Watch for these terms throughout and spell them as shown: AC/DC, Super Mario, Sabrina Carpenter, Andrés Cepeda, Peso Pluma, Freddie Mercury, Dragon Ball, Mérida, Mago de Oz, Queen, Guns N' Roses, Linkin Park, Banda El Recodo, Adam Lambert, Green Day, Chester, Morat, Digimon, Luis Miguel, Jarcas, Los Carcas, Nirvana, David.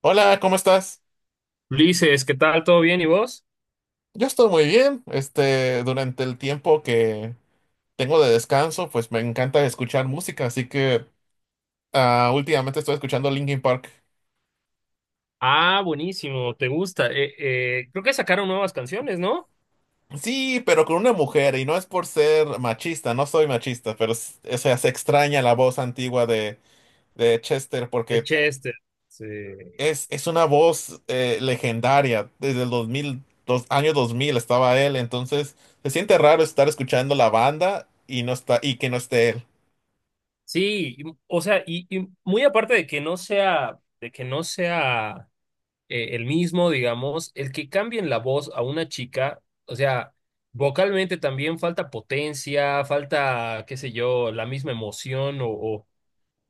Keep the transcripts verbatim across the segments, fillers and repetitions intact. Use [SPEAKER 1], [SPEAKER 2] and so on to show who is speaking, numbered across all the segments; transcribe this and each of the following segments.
[SPEAKER 1] Hola, ¿cómo estás?
[SPEAKER 2] Ulises, ¿qué tal? ¿Todo bien? ¿Y vos?
[SPEAKER 1] Yo estoy muy bien. Este, durante el tiempo que tengo de descanso, pues me encanta escuchar música, así que ah, últimamente estoy escuchando Linkin Park.
[SPEAKER 2] Ah, buenísimo, te gusta. Eh, eh, creo que sacaron nuevas canciones, ¿no?
[SPEAKER 1] Sí, pero con una mujer, y no es por ser machista, no soy machista, pero s- o sea, se extraña la voz antigua de, de Chester
[SPEAKER 2] De
[SPEAKER 1] porque
[SPEAKER 2] Chester. Sí,
[SPEAKER 1] es, es una voz eh, legendaria. Desde el dos mil dos, año dos mil estaba él, entonces se siente raro estar escuchando la banda y no está, y que no esté él.
[SPEAKER 2] sí, y- o sea, y, y muy aparte de que no sea, de que no sea eh, el mismo, digamos, el que cambien la voz a una chica, o sea, vocalmente también falta potencia, falta, qué sé yo, la misma emoción o, o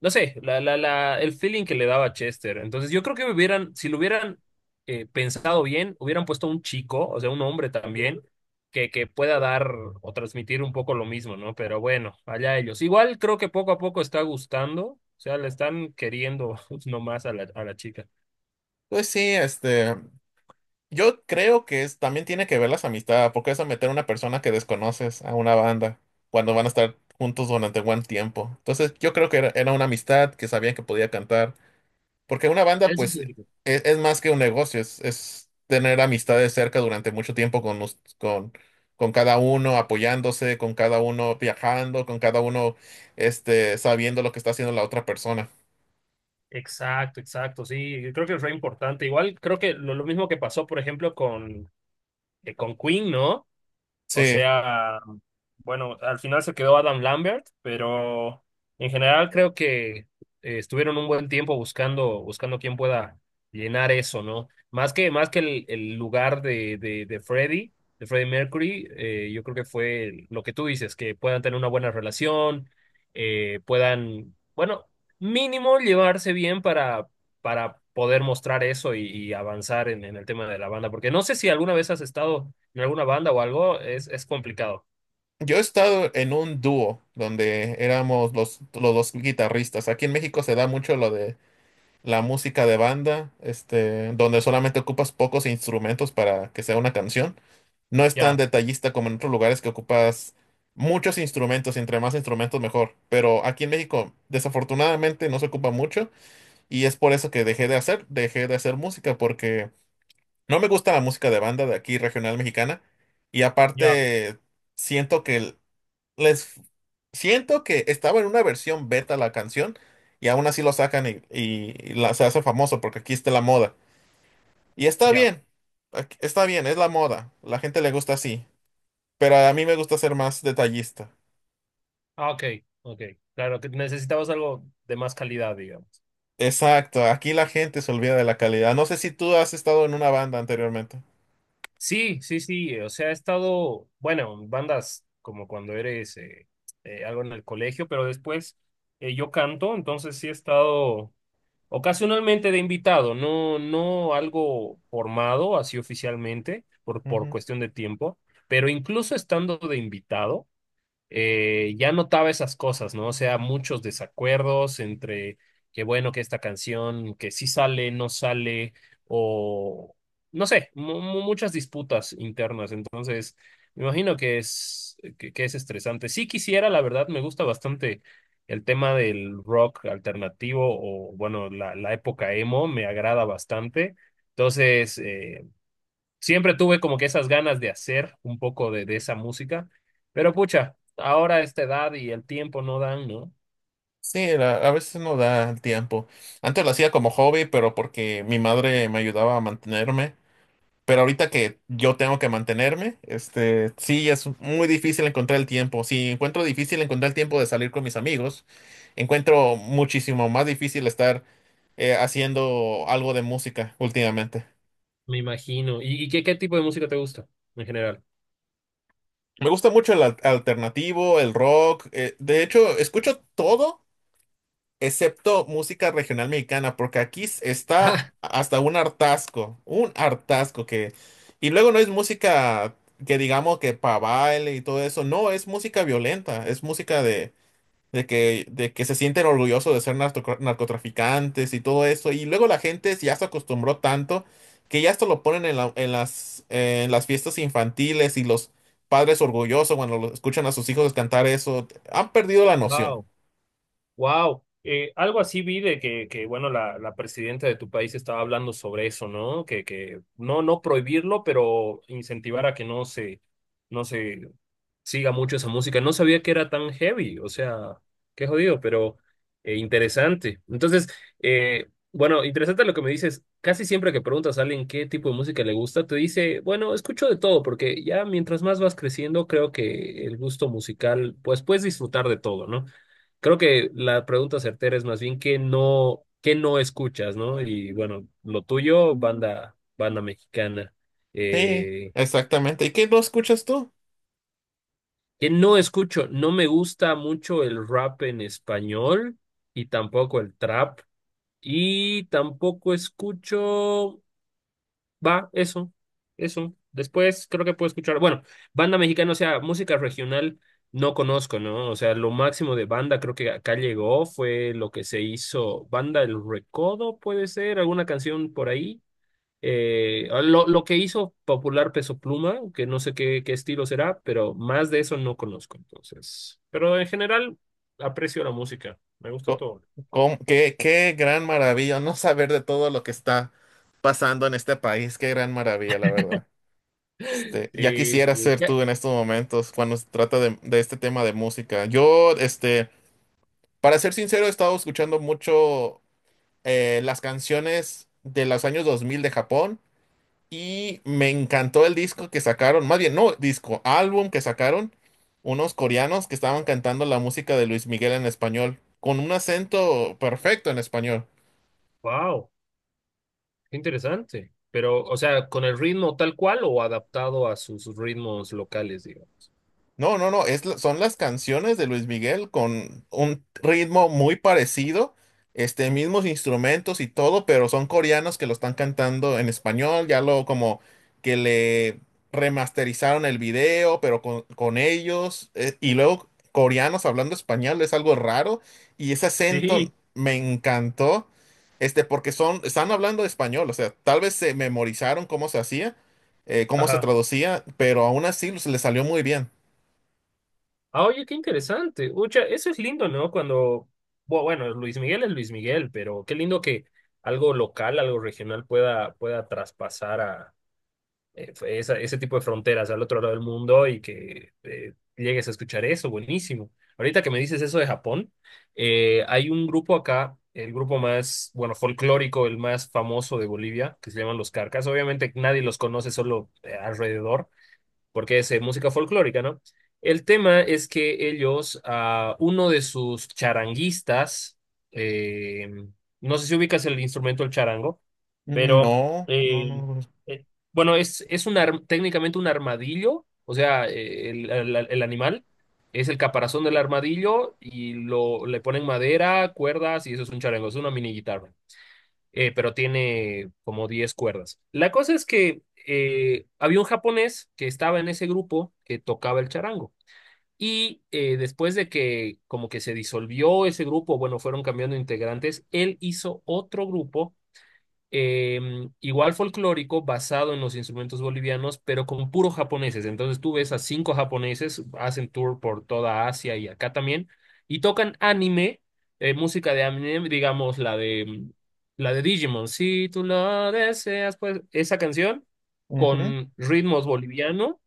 [SPEAKER 2] no sé, la, la, la, el feeling que le daba Chester. Entonces, yo creo que hubieran, si lo hubieran eh, pensado bien, hubieran puesto un chico, o sea, un hombre también, que, que pueda dar o transmitir un poco lo mismo, ¿no? Pero bueno, allá ellos. Igual creo que poco a poco está gustando, o sea, le están queriendo nomás a la, a la chica.
[SPEAKER 1] Pues sí, este. Yo creo que es, también tiene que ver las amistades, porque es a meter a una persona que desconoces a una banda cuando van a estar juntos durante buen tiempo. Entonces, yo creo que era, era una amistad que sabían que podía cantar, porque una banda,
[SPEAKER 2] Eso es
[SPEAKER 1] pues, e-
[SPEAKER 2] cierto.
[SPEAKER 1] es, más que un negocio, es, es tener amistades cerca durante mucho tiempo con, us- con, con cada uno, apoyándose, con cada uno viajando, con cada uno este, sabiendo lo que está haciendo la otra persona.
[SPEAKER 2] Exacto, exacto, sí, yo creo que fue importante. Igual creo que lo, lo mismo que pasó, por ejemplo, con, eh, con Queen, ¿no?
[SPEAKER 1] Sí.
[SPEAKER 2] O sea, bueno, al final se quedó Adam Lambert, pero en general creo que eh, estuvieron un buen tiempo buscando, buscando quién pueda llenar eso, ¿no? Más que, más que el, el lugar de, de, de Freddie, de Freddie Mercury, eh, yo creo que fue lo que tú dices, que puedan tener una buena relación, eh, puedan, bueno, mínimo llevarse bien para, para poder mostrar eso y, y avanzar en, en el tema de la banda, porque no sé si alguna vez has estado en alguna banda o algo, es, es complicado.
[SPEAKER 1] Yo he estado en un dúo donde éramos los, los dos guitarristas. Aquí en México se da mucho lo de la música de banda, este, donde solamente ocupas pocos instrumentos para que sea una canción. No es tan
[SPEAKER 2] Ya,
[SPEAKER 1] detallista como en otros lugares que ocupas muchos instrumentos, y entre más instrumentos mejor. Pero aquí en México desafortunadamente no se ocupa mucho y es por eso que dejé de hacer, dejé de hacer música porque no me gusta la música de banda de aquí regional mexicana y
[SPEAKER 2] ya,
[SPEAKER 1] aparte siento que el- les siento que estaba en una versión beta la canción y aún así lo sacan y, y- y la, se hace famoso porque aquí está la moda. Y está
[SPEAKER 2] ya.
[SPEAKER 1] bien, aquí- está bien, es la moda, la gente le gusta así, pero a mí me gusta ser más detallista.
[SPEAKER 2] Ah, ok, ok. Claro, que necesitamos algo de más calidad, digamos.
[SPEAKER 1] Exacto, aquí la gente se olvida de la calidad. No sé si tú has estado en una banda anteriormente.
[SPEAKER 2] Sí, sí, sí. eh, O sea, he estado, bueno, en bandas como cuando eres eh, eh, algo en el colegio, pero después eh, yo canto, entonces sí he estado ocasionalmente de invitado, no, no algo formado así oficialmente, por, por
[SPEAKER 1] Ujú.
[SPEAKER 2] cuestión de tiempo, pero incluso estando de invitado. Eh, ya notaba esas cosas, ¿no? O sea, muchos desacuerdos entre que bueno, que esta canción, que sí sale, no sale, o no sé, mu- mu- muchas disputas internas. Entonces, me imagino que es, que, que es estresante. Sí quisiera, la verdad, me gusta bastante el tema del rock alternativo o bueno, la, la época emo me agrada bastante. Entonces, eh, siempre tuve como que esas ganas de hacer un poco de, de esa música, pero pucha, ahora esta edad y el tiempo no dan, ¿no?
[SPEAKER 1] Sí, la- a veces no da el tiempo. Antes lo hacía como hobby, pero porque mi madre me ayudaba a mantenerme. Pero ahorita que yo tengo que mantenerme, este, sí, es muy difícil encontrar el tiempo. Si encuentro difícil encontrar el tiempo de salir con mis amigos, encuentro muchísimo más difícil estar eh, haciendo algo de música últimamente.
[SPEAKER 2] Me imagino. ¿Y, y qué, qué tipo de música te gusta en general?
[SPEAKER 1] Me gusta mucho el al- alternativo, el rock. eh, de hecho, escucho todo excepto música regional mexicana, porque aquí s- está hasta un hartazgo, un hartazgo que... Y luego no es música que digamos que para baile y todo eso, no, es música violenta, es música de, de que, de que se sienten orgullosos de ser narco- narcotraficantes y todo eso, y luego la gente ya se acostumbró tanto que ya esto lo ponen en, la- en las, en las fiestas infantiles y los padres orgullosos cuando lo- escuchan a sus hijos cantar eso, han perdido la
[SPEAKER 2] Ah,
[SPEAKER 1] noción.
[SPEAKER 2] wow. Wow, algo así vi de que, que bueno, la, la presidenta de tu país estaba hablando sobre eso, ¿no? Que, que no, no prohibirlo, pero incentivar a que no se, no se siga mucho esa música. No sabía que era tan heavy, o sea, qué jodido, pero eh, interesante. Entonces, eh, bueno, interesante lo que me dices. Casi siempre que preguntas a alguien qué tipo de música le gusta, te dice, bueno, escucho de todo, porque ya mientras más vas creciendo, creo que el gusto musical, pues puedes disfrutar de todo, ¿no? Creo que la pregunta certera es más bien qué no, qué no escuchas, ¿no? Y bueno, lo tuyo, banda, banda mexicana.
[SPEAKER 1] Sí,
[SPEAKER 2] Eh,
[SPEAKER 1] exactamente. ¿Y qué lo escuchas tú?
[SPEAKER 2] ¿qué no escucho? No me gusta mucho el rap en español y tampoco el trap. Y tampoco escucho. Va, eso, eso. Después creo que puedo escuchar, bueno, banda mexicana, o sea, música regional no conozco, ¿no? O sea, lo máximo de banda creo que acá llegó fue lo que se hizo, Banda El Recodo, puede ser, alguna canción por ahí. Eh, ah, lo, lo que hizo popular Peso Pluma, que no sé qué, qué estilo será, pero más de eso no conozco, entonces. Pero en general aprecio la música, me gusta
[SPEAKER 1] Co-
[SPEAKER 2] todo.
[SPEAKER 1] com- qué, qué gran maravilla no saber de todo lo que está pasando en este país. Qué gran maravilla, la verdad. Este, ya
[SPEAKER 2] Sí,
[SPEAKER 1] quisiera
[SPEAKER 2] sí.
[SPEAKER 1] ser tú en estos momentos cuando se trata de, de este tema de música. Yo, este, para ser sincero, he estado escuchando mucho eh, las canciones de los años dos mil de Japón. Y me encantó el disco que sacaron, más bien, no disco, álbum que sacaron unos coreanos que estaban cantando la música de Luis Miguel en español, con un acento perfecto en español.
[SPEAKER 2] Wow. Interesante. Pero, o sea, ¿con el ritmo tal cual o adaptado a sus ritmos locales, digamos?
[SPEAKER 1] No, no, no, es, la- son las canciones de Luis Miguel con un ritmo muy parecido, este, mismos instrumentos y todo, pero son coreanos que lo están cantando en español, ya lo como que le remasterizaron el video, pero con, con ellos, eh, y luego coreanos hablando español, es algo raro, y ese acento
[SPEAKER 2] Sí,
[SPEAKER 1] me encantó, este, porque son, están hablando español, o sea, tal vez se memorizaron cómo se hacía, eh, cómo se
[SPEAKER 2] ajá.
[SPEAKER 1] traducía, pero aún así se les salió muy bien.
[SPEAKER 2] Ah, oye, qué interesante. Ucha, eso es lindo, ¿no? Cuando, bu- bueno, Luis Miguel es Luis Miguel, pero qué lindo que algo local, algo regional pueda, pueda traspasar a eh, fue esa- ese tipo de fronteras al otro lado del mundo y que eh, llegues a escuchar eso, buenísimo. Ahorita que me dices eso de Japón, eh, hay un grupo acá, el grupo más, bueno, folclórico, el más famoso de Bolivia, que se llaman Los Carcas. Obviamente nadie los conoce, solo eh, alrededor, porque es eh, música folclórica, ¿no? El tema es que ellos, a uno de sus charanguistas, eh, no sé si ubicas el instrumento el charango, pero
[SPEAKER 1] No, no,
[SPEAKER 2] eh,
[SPEAKER 1] no.
[SPEAKER 2] eh, bueno, es, es un ar- técnicamente un armadillo, o sea, eh, el, el- el animal es el caparazón del armadillo y lo, le ponen madera, cuerdas y eso es un charango, es una mini guitarra eh, pero tiene como diez cuerdas. La cosa es que eh, había un japonés que estaba en ese grupo que tocaba el charango. Y eh, después de que como que se disolvió ese grupo, bueno, fueron cambiando integrantes, él hizo otro grupo eh, igual folclórico, basado en los instrumentos bolivianos, pero con puros japoneses. Entonces tú ves a cinco japoneses, hacen tour por toda Asia y acá también, y tocan anime, eh, música de anime, digamos la de, mm, la de Digimon. Si tú lo deseas, pues esa canción
[SPEAKER 1] Ujú.
[SPEAKER 2] con ritmos boliviano,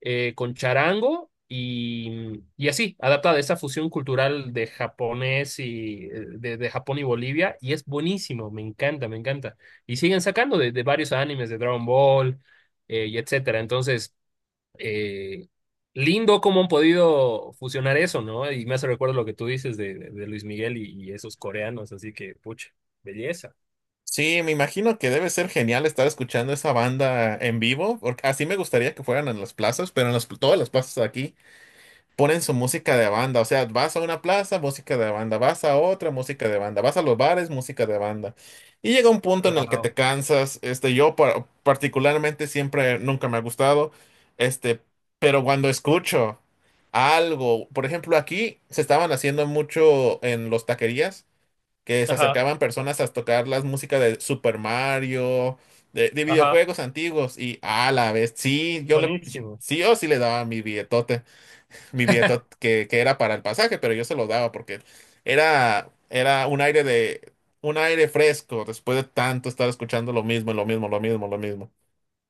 [SPEAKER 2] eh, con charango. Y, mm, y así, adaptada a esa fusión cultural de japonés y eh, de de Japón y Bolivia, y es buenísimo, me encanta, me encanta. Y siguen sacando de, de varios animes de Dragon Ball eh, y etcétera. Entonces, eh, lindo cómo han podido fusionar eso, ¿no? Y me hace recuerdo lo que tú dices de, de- de Luis Miguel y, y esos coreanos, así que, pucha, belleza.
[SPEAKER 1] Sí, me imagino que debe ser genial estar escuchando esa banda en vivo, porque así me gustaría que fueran en las plazas, pero en las, todas las plazas de aquí ponen su música de banda. O sea, vas a una plaza, música de banda, vas a otra, música de banda, vas a los bares, música de banda. Y llega un punto en el que
[SPEAKER 2] Wow.
[SPEAKER 1] te cansas. Este, yo par- particularmente siempre, nunca me ha gustado, este, pero cuando escucho algo, por ejemplo, aquí se estaban haciendo mucho en los taquerías que se
[SPEAKER 2] Ajá,
[SPEAKER 1] acercaban personas a tocar las músicas de Super Mario, de, de
[SPEAKER 2] ajá,
[SPEAKER 1] videojuegos antiguos, y a la vez, sí, yo le, sí,
[SPEAKER 2] buenísimo.
[SPEAKER 1] sí, yo sí le daba mi billetote, mi billetote que, que era para el pasaje, pero yo se lo daba porque era, era un aire de, un aire fresco después de tanto estar escuchando lo mismo, lo mismo, lo mismo, lo mismo.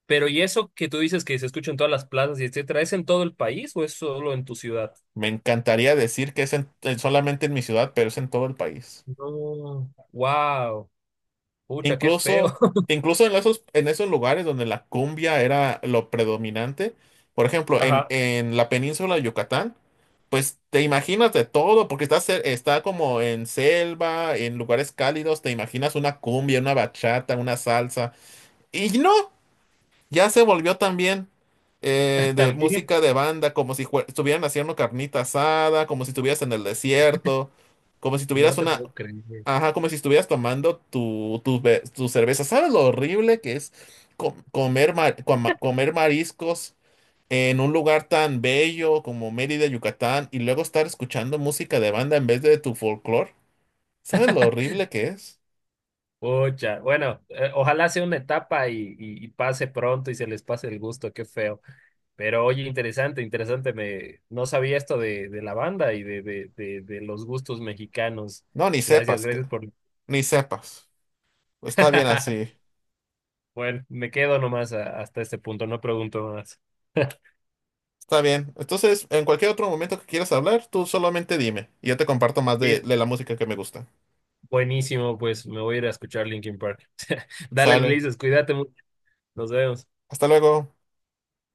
[SPEAKER 2] Pero ¿y eso que tú dices que se escucha en todas las plazas y etcétera, es en todo el país o es solo en tu ciudad?
[SPEAKER 1] Me encantaría decir que es en- solamente en mi ciudad, pero es en todo el país.
[SPEAKER 2] No. Wow, pucha, qué feo.
[SPEAKER 1] Incluso, incluso en esos, en esos lugares donde la cumbia era lo predominante, por ejemplo, en,
[SPEAKER 2] Ajá,
[SPEAKER 1] en la península de Yucatán, pues te imaginas de todo, porque está, cer- está como en selva, en lugares cálidos, te imaginas una cumbia, una bachata, una salsa, y no, ya se volvió también eh, de
[SPEAKER 2] también.
[SPEAKER 1] música de banda, como si jue- estuvieran haciendo carnita asada, como si estuvieras en el desierto, como si
[SPEAKER 2] No
[SPEAKER 1] tuvieras
[SPEAKER 2] te
[SPEAKER 1] una,
[SPEAKER 2] puedo creer.
[SPEAKER 1] ajá, como si estuvieras tomando tu, tu, be- tu cerveza. ¿Sabes lo horrible que es co- comer, ma- coma- comer mariscos en un lugar tan bello como Mérida, Yucatán, y luego estar escuchando música de banda en vez de tu folclore? ¿Sabes lo horrible que es?
[SPEAKER 2] Pucha, bueno, eh, ojalá sea una etapa y, y- y pase pronto y se les pase el gusto, qué feo. Pero oye, interesante, interesante, me no sabía esto de, de la banda y de, de, de, de los gustos mexicanos.
[SPEAKER 1] No, ni
[SPEAKER 2] Gracias,
[SPEAKER 1] sepas, ca-
[SPEAKER 2] gracias por...
[SPEAKER 1] ni sepas. Está bien así,
[SPEAKER 2] Bueno, me quedo nomás a- hasta este punto, no pregunto más.
[SPEAKER 1] está bien. Entonces, en cualquier otro momento que quieras hablar, tú solamente dime y yo te comparto más de,
[SPEAKER 2] Sí.
[SPEAKER 1] de la música que me gusta.
[SPEAKER 2] Buenísimo, pues me voy a ir a escuchar Linkin Park. Dale,
[SPEAKER 1] Sale.
[SPEAKER 2] Luis, cuídate mucho, nos vemos.
[SPEAKER 1] Hasta luego.